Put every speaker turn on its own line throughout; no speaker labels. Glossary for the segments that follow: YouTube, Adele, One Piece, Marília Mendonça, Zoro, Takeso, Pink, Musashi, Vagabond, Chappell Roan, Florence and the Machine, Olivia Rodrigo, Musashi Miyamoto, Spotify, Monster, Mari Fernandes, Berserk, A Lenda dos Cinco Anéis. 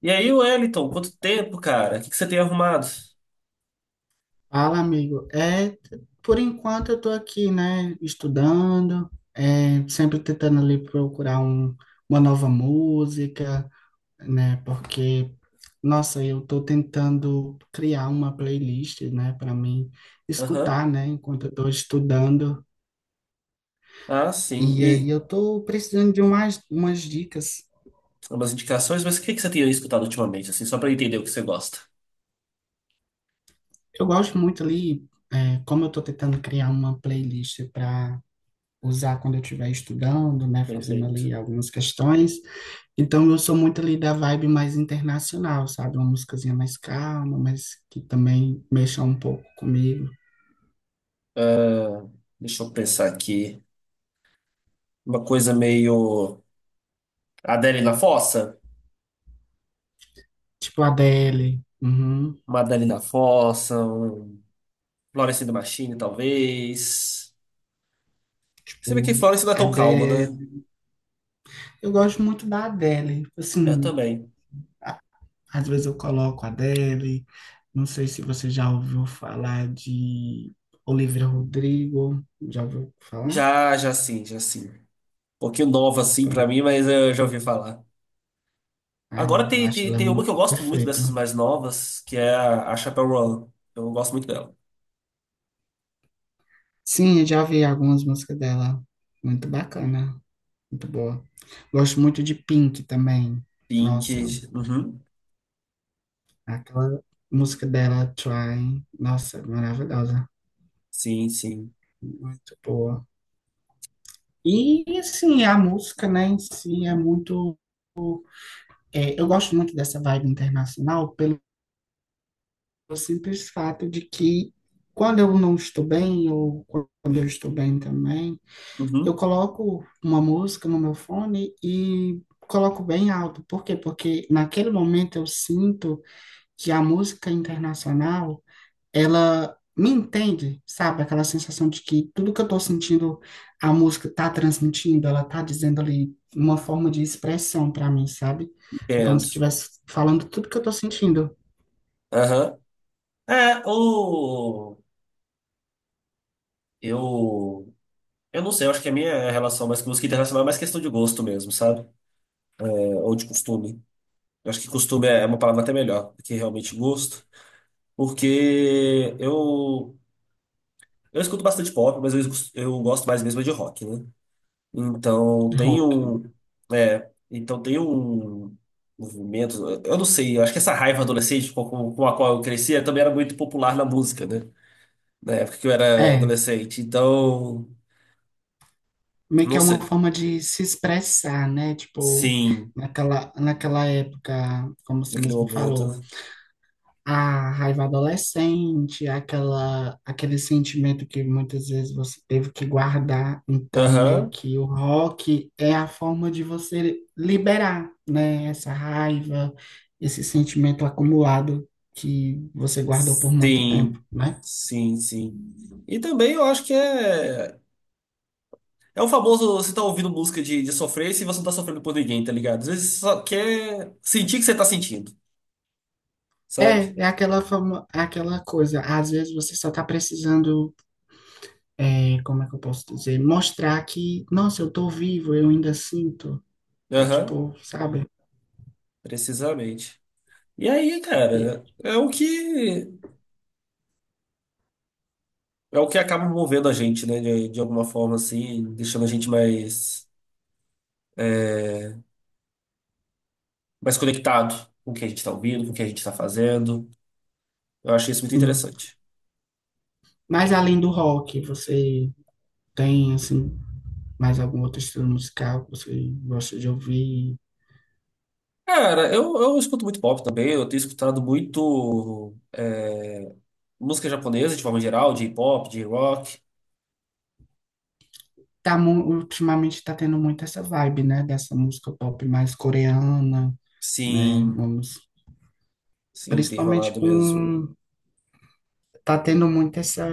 E aí, Wellington, quanto tempo, cara? O que que você tem arrumado?
Fala, amigo. Por enquanto eu tô aqui, né, estudando, sempre tentando ali procurar uma nova música, né, porque, nossa, eu tô tentando criar uma playlist, né, para mim
Aham.
escutar, né, enquanto eu tô estudando.
Ah, sim.
E aí
E
eu tô precisando de umas dicas.
umas indicações, mas o que que você tem escutado ultimamente, assim, só pra eu entender o que você gosta?
Eu gosto muito ali, como eu tô tentando criar uma playlist para usar quando eu estiver estudando, né, fazendo
Perfeito.
ali algumas questões. Então eu sou muito ali da vibe mais internacional, sabe? Uma musicazinha mais calma, mas que também mexa um pouco comigo.
Ah, deixa eu pensar aqui. Uma coisa meio Adele na Fossa?
Tipo Adele, uhum,
Uma Adele na Fossa, um Florence and the Machine, talvez. Você vê que
tipo
Florence não é tão calma, né?
Adele. Eu gosto muito da Adele.
Eu
Assim,
também.
às vezes eu coloco Adele. Não sei se você já ouviu falar de Olivia Rodrigo. Já ouviu falar?
Já, já sim, já sim. Um pouquinho nova, assim, pra
Pronto.
mim, mas eu já ouvi falar.
Ah,
Agora
eu
tem,
acho
tem,
ela
tem uma que
muito
eu gosto muito
perfeita.
dessas mais novas, que é a Chappell Roan. Eu gosto muito dela.
Sim, eu já vi algumas músicas dela. Muito bacana. Muito boa. Gosto muito de Pink também.
Pink.
Nossa,
Uhum.
aquela música dela, Try. Nossa, maravilhosa.
Sim, sim.
Muito boa. E, assim, a música, né, em si é muito. Eu gosto muito dessa vibe internacional pelo simples fato de que quando eu não estou bem, ou quando eu estou bem também, eu
Uhum.
coloco uma música no meu fone e coloco bem alto. Por quê? Porque naquele momento eu sinto que a música internacional, ela me entende, sabe? Aquela sensação de que tudo que eu tô sentindo, a música tá transmitindo, ela tá dizendo ali uma forma de expressão para mim, sabe? É como se
Entendo.
estivesse falando tudo que eu tô sentindo.
Aham. É, o. Eu. Eu não sei, eu acho que a minha relação mais com música internacional é mais questão de gosto mesmo, sabe? É, ou de costume. Eu acho que costume é uma palavra até melhor do que realmente gosto, porque eu. Eu escuto bastante pop, mas eu gosto mais mesmo é de rock, né? Então
De
tem
rock.
um, então tem um movimento, eu não sei, eu acho que essa raiva adolescente com a qual eu crescia também era muito popular na música, né? Na época que eu era
É,
adolescente. Então,
meio que
não
é uma
sei.
forma de se expressar, né? Tipo,
Sim,
naquela época, como você
naquele
mesmo
momento,
falou,
né?
a raiva adolescente, aquela, aquele sentimento que muitas vezes você teve que guardar. Então, meio
Aham.
que o rock é a forma de você liberar, né? Essa raiva, esse sentimento acumulado que você guardou por muito tempo,
Sim.
né?
Sim, sim. E também eu acho que é é o famoso você tá ouvindo música de sofrer e você não tá sofrendo por ninguém, tá ligado? Às vezes você só quer sentir o que você tá sentindo, sabe?
É aquela fama, é aquela coisa. Às vezes você só está precisando, como é que eu posso dizer? Mostrar que, nossa, eu tô vivo, eu ainda sinto. É
Aham.
tipo, sabe?
Precisamente. E aí,
E-
cara, é o que acaba movendo a gente, né? De alguma forma, assim, deixando a gente mais, mais conectado com o que a gente tá ouvindo, com o que a gente tá fazendo. Eu achei isso muito
Sim.
interessante.
Mas além do rock, você tem assim mais algum outro estilo musical que você gosta de ouvir?
Cara, eu escuto muito pop também, eu tenho escutado muito música japonesa de forma geral, de pop, de rock.
Tá, ultimamente está tendo muito essa vibe, né? Dessa música pop mais coreana, né?
Sim,
Vamos,
sim, tem
principalmente
rolado mesmo.
com tá tendo muito essa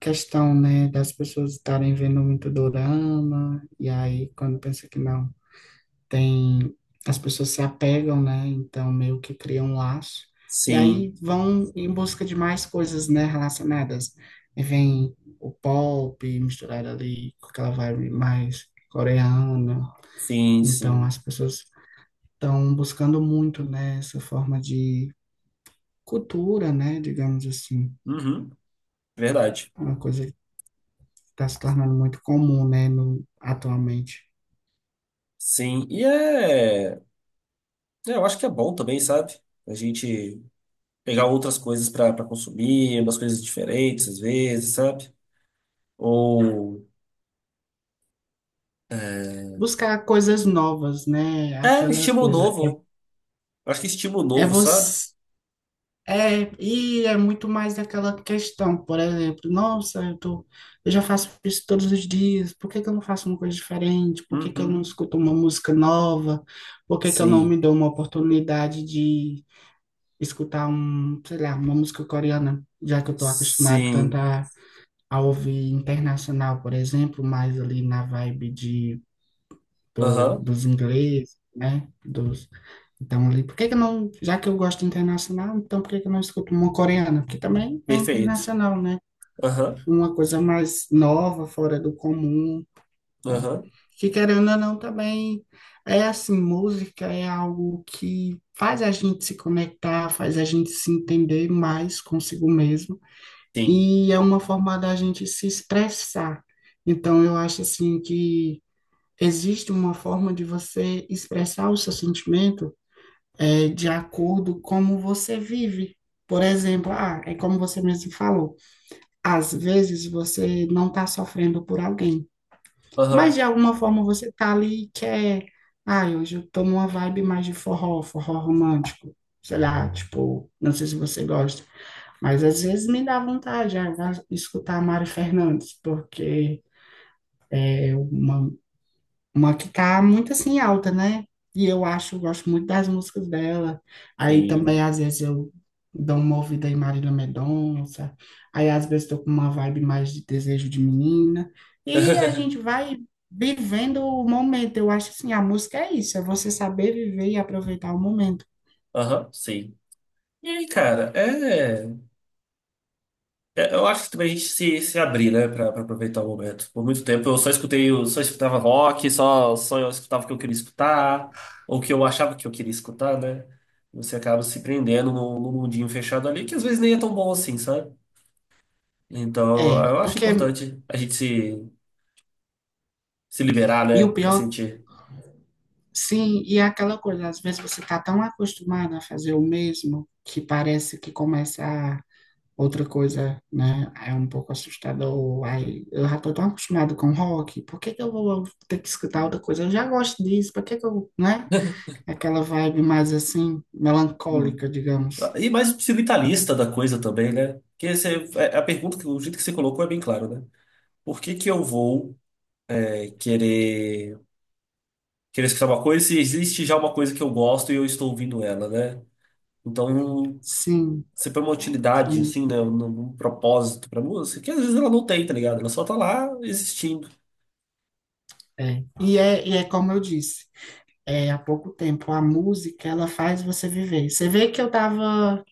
questão, né? Das pessoas estarem vendo muito dorama e aí quando pensa que não tem as pessoas se apegam, né? Então meio que criam um laço e
Sim,
aí vão em busca de mais coisas, né, relacionadas. E vem o pop misturado ali com aquela vibe mais coreana.
sim,
Então as
sim.
pessoas estão buscando muito, né, essa forma de cultura, né, digamos assim,
Uhum, verdade.
uma coisa que está se tornando muito comum, né, no, atualmente.
Sim, e é. É, eu acho que é bom também, sabe? A gente pegar outras coisas pra consumir, umas coisas diferentes às vezes, sabe? Ou.
Buscar coisas novas, né?
É,
Aquela
estímulo
coisa é,
novo. Eu acho que estímulo
é
novo, sabe?
você. É, e é muito mais daquela questão, por exemplo, nossa, eu já faço isso todos os dias, por que que eu não faço uma coisa diferente? Por que que eu não
Uhum.
escuto uma música nova? Por que que eu não me
Sim.
dou uma oportunidade de escutar um, sei lá, uma música coreana, já que eu tô acostumado tanto
Sim.
a ouvir internacional, por exemplo, mais ali na vibe de do,
Aham.
dos ingleses, né? Então, ali, por que que eu não, já que eu gosto internacional, então por que que eu não escuto uma coreana? Porque também é
Perfeito.
internacional, né?
Aham.
Uma coisa mais nova, fora do comum, né?
Aham.
Que querendo ou não, também é assim, música é algo que faz a gente se conectar, faz a gente se entender mais consigo mesmo,
Sim.
e é uma forma da gente se expressar. Então, eu acho assim que existe uma forma de você expressar o seu sentimento de acordo com como você vive. Por exemplo, ah, é como você mesmo falou, às vezes você não está sofrendo por alguém, mas
Aham.
de alguma forma você está ali e quer, ah, hoje eu tô numa vibe mais de forró, forró romântico, sei lá, tipo, não sei se você gosta, mas às vezes me dá vontade, ah, escutar a Mari Fernandes, porque é uma que tá muito assim alta, né? E eu acho, gosto muito das músicas dela. Aí também,
Sim.
às vezes, eu dou uma ouvida em Marília Mendonça. Aí, às vezes, tô com uma vibe mais de desejo de menina. E a gente vai vivendo o momento. Eu acho assim, a música é isso, é você saber viver e aproveitar o momento.
Aham. Sim. E aí, cara? É, eu acho que também a gente se abrir, né, pra aproveitar o momento. Por muito tempo eu só escutava rock, só eu escutava o que eu queria escutar, ou o que eu achava que eu queria escutar, né? Você acaba se prendendo num mundinho fechado ali, que às vezes nem é tão bom assim, sabe? Então
É,
eu acho
porque,
importante a gente se, se liberar,
e
né,
o
pra
pior,
sentir.
sim, e é aquela coisa, às vezes você tá tão acostumado a fazer o mesmo que parece que começa a. Outra coisa, né, é um pouco assustador. Ai eu já tô tão acostumado com rock, por que que eu vou ter que escutar outra coisa? Eu já gosto disso, por que que eu, né? Aquela vibe mais assim,
Hum.
melancólica, digamos.
E mais o utilitarista da coisa também, né? A pergunta, que- o jeito que você colocou é bem claro, né? Por que que eu vou é, querer. Querer escutar uma coisa se existe já uma coisa que eu gosto e eu estou ouvindo ela, né? Então,
Sim,
sempre é uma utilidade,
sim,
assim, né? Um propósito pra música, que às vezes ela não tem, tá ligado? Ela só tá lá existindo.
é. E é como eu disse, há pouco tempo, a música, ela faz você viver. Você vê que eu tava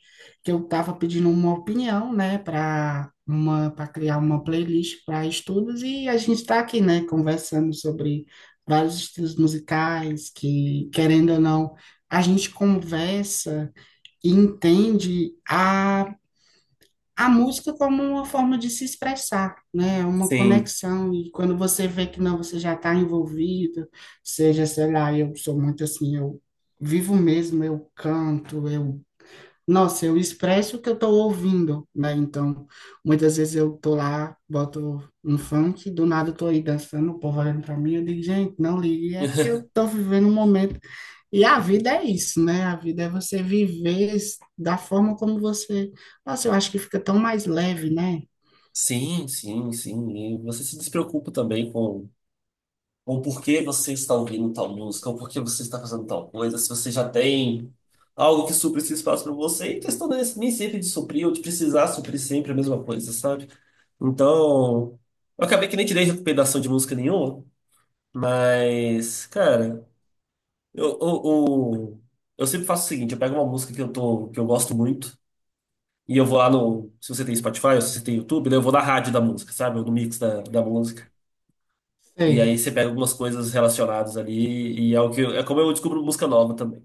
que eu estava pedindo uma opinião, né, para uma para criar uma playlist para estudos e a gente está aqui, né, conversando sobre vários estilos musicais que, querendo ou não, a gente conversa e entende a música como uma forma de se expressar, né, uma
Sim.
conexão e quando você vê que não, você já está envolvido, seja, sei lá, eu sou muito assim, eu vivo mesmo, eu canto, eu nossa, eu expresso o que eu estou ouvindo, né? Então, muitas vezes eu tô lá, boto um funk, do nada eu tô aí dançando, o povo olhando pra mim, eu digo, gente, não ligue, é porque eu tô vivendo um momento. E a vida é isso, né? A vida é você viver da forma como você. Nossa, eu acho que fica tão mais leve, né?
Sim, sim, sim. E você se despreocupa também com por que você está ouvindo tal música, ou por que você está fazendo tal coisa, se você já tem algo que supre esse espaço para você, e questão não é nem sempre de suprir ou de precisar suprir sempre a mesma coisa, sabe? Então, eu acabei que nem tirei recomendação de música nenhuma, mas, cara, eu, eu, eu, eu sempre faço o seguinte, eu pego uma música que eu gosto muito, e eu vou lá no, se você tem Spotify, ou se você tem YouTube, né, eu vou na rádio da música, sabe? Ou no mix da música. E
Sei.
aí você pega algumas coisas relacionadas ali, e é é como eu descubro música nova também.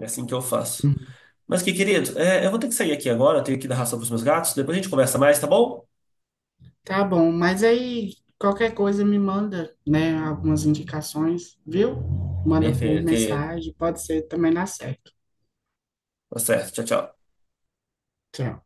É assim que eu faço.
Uhum.
Mas que querido, é, eu vou ter que sair aqui agora, eu tenho que dar ração pros meus gatos, depois a gente conversa mais, tá bom?
Tá bom, mas aí qualquer coisa me manda, né? Algumas indicações, viu? Manda por
Perfeito, querido.
mensagem, pode ser também dá certo.
Tá certo, tchau, tchau.
Tchau.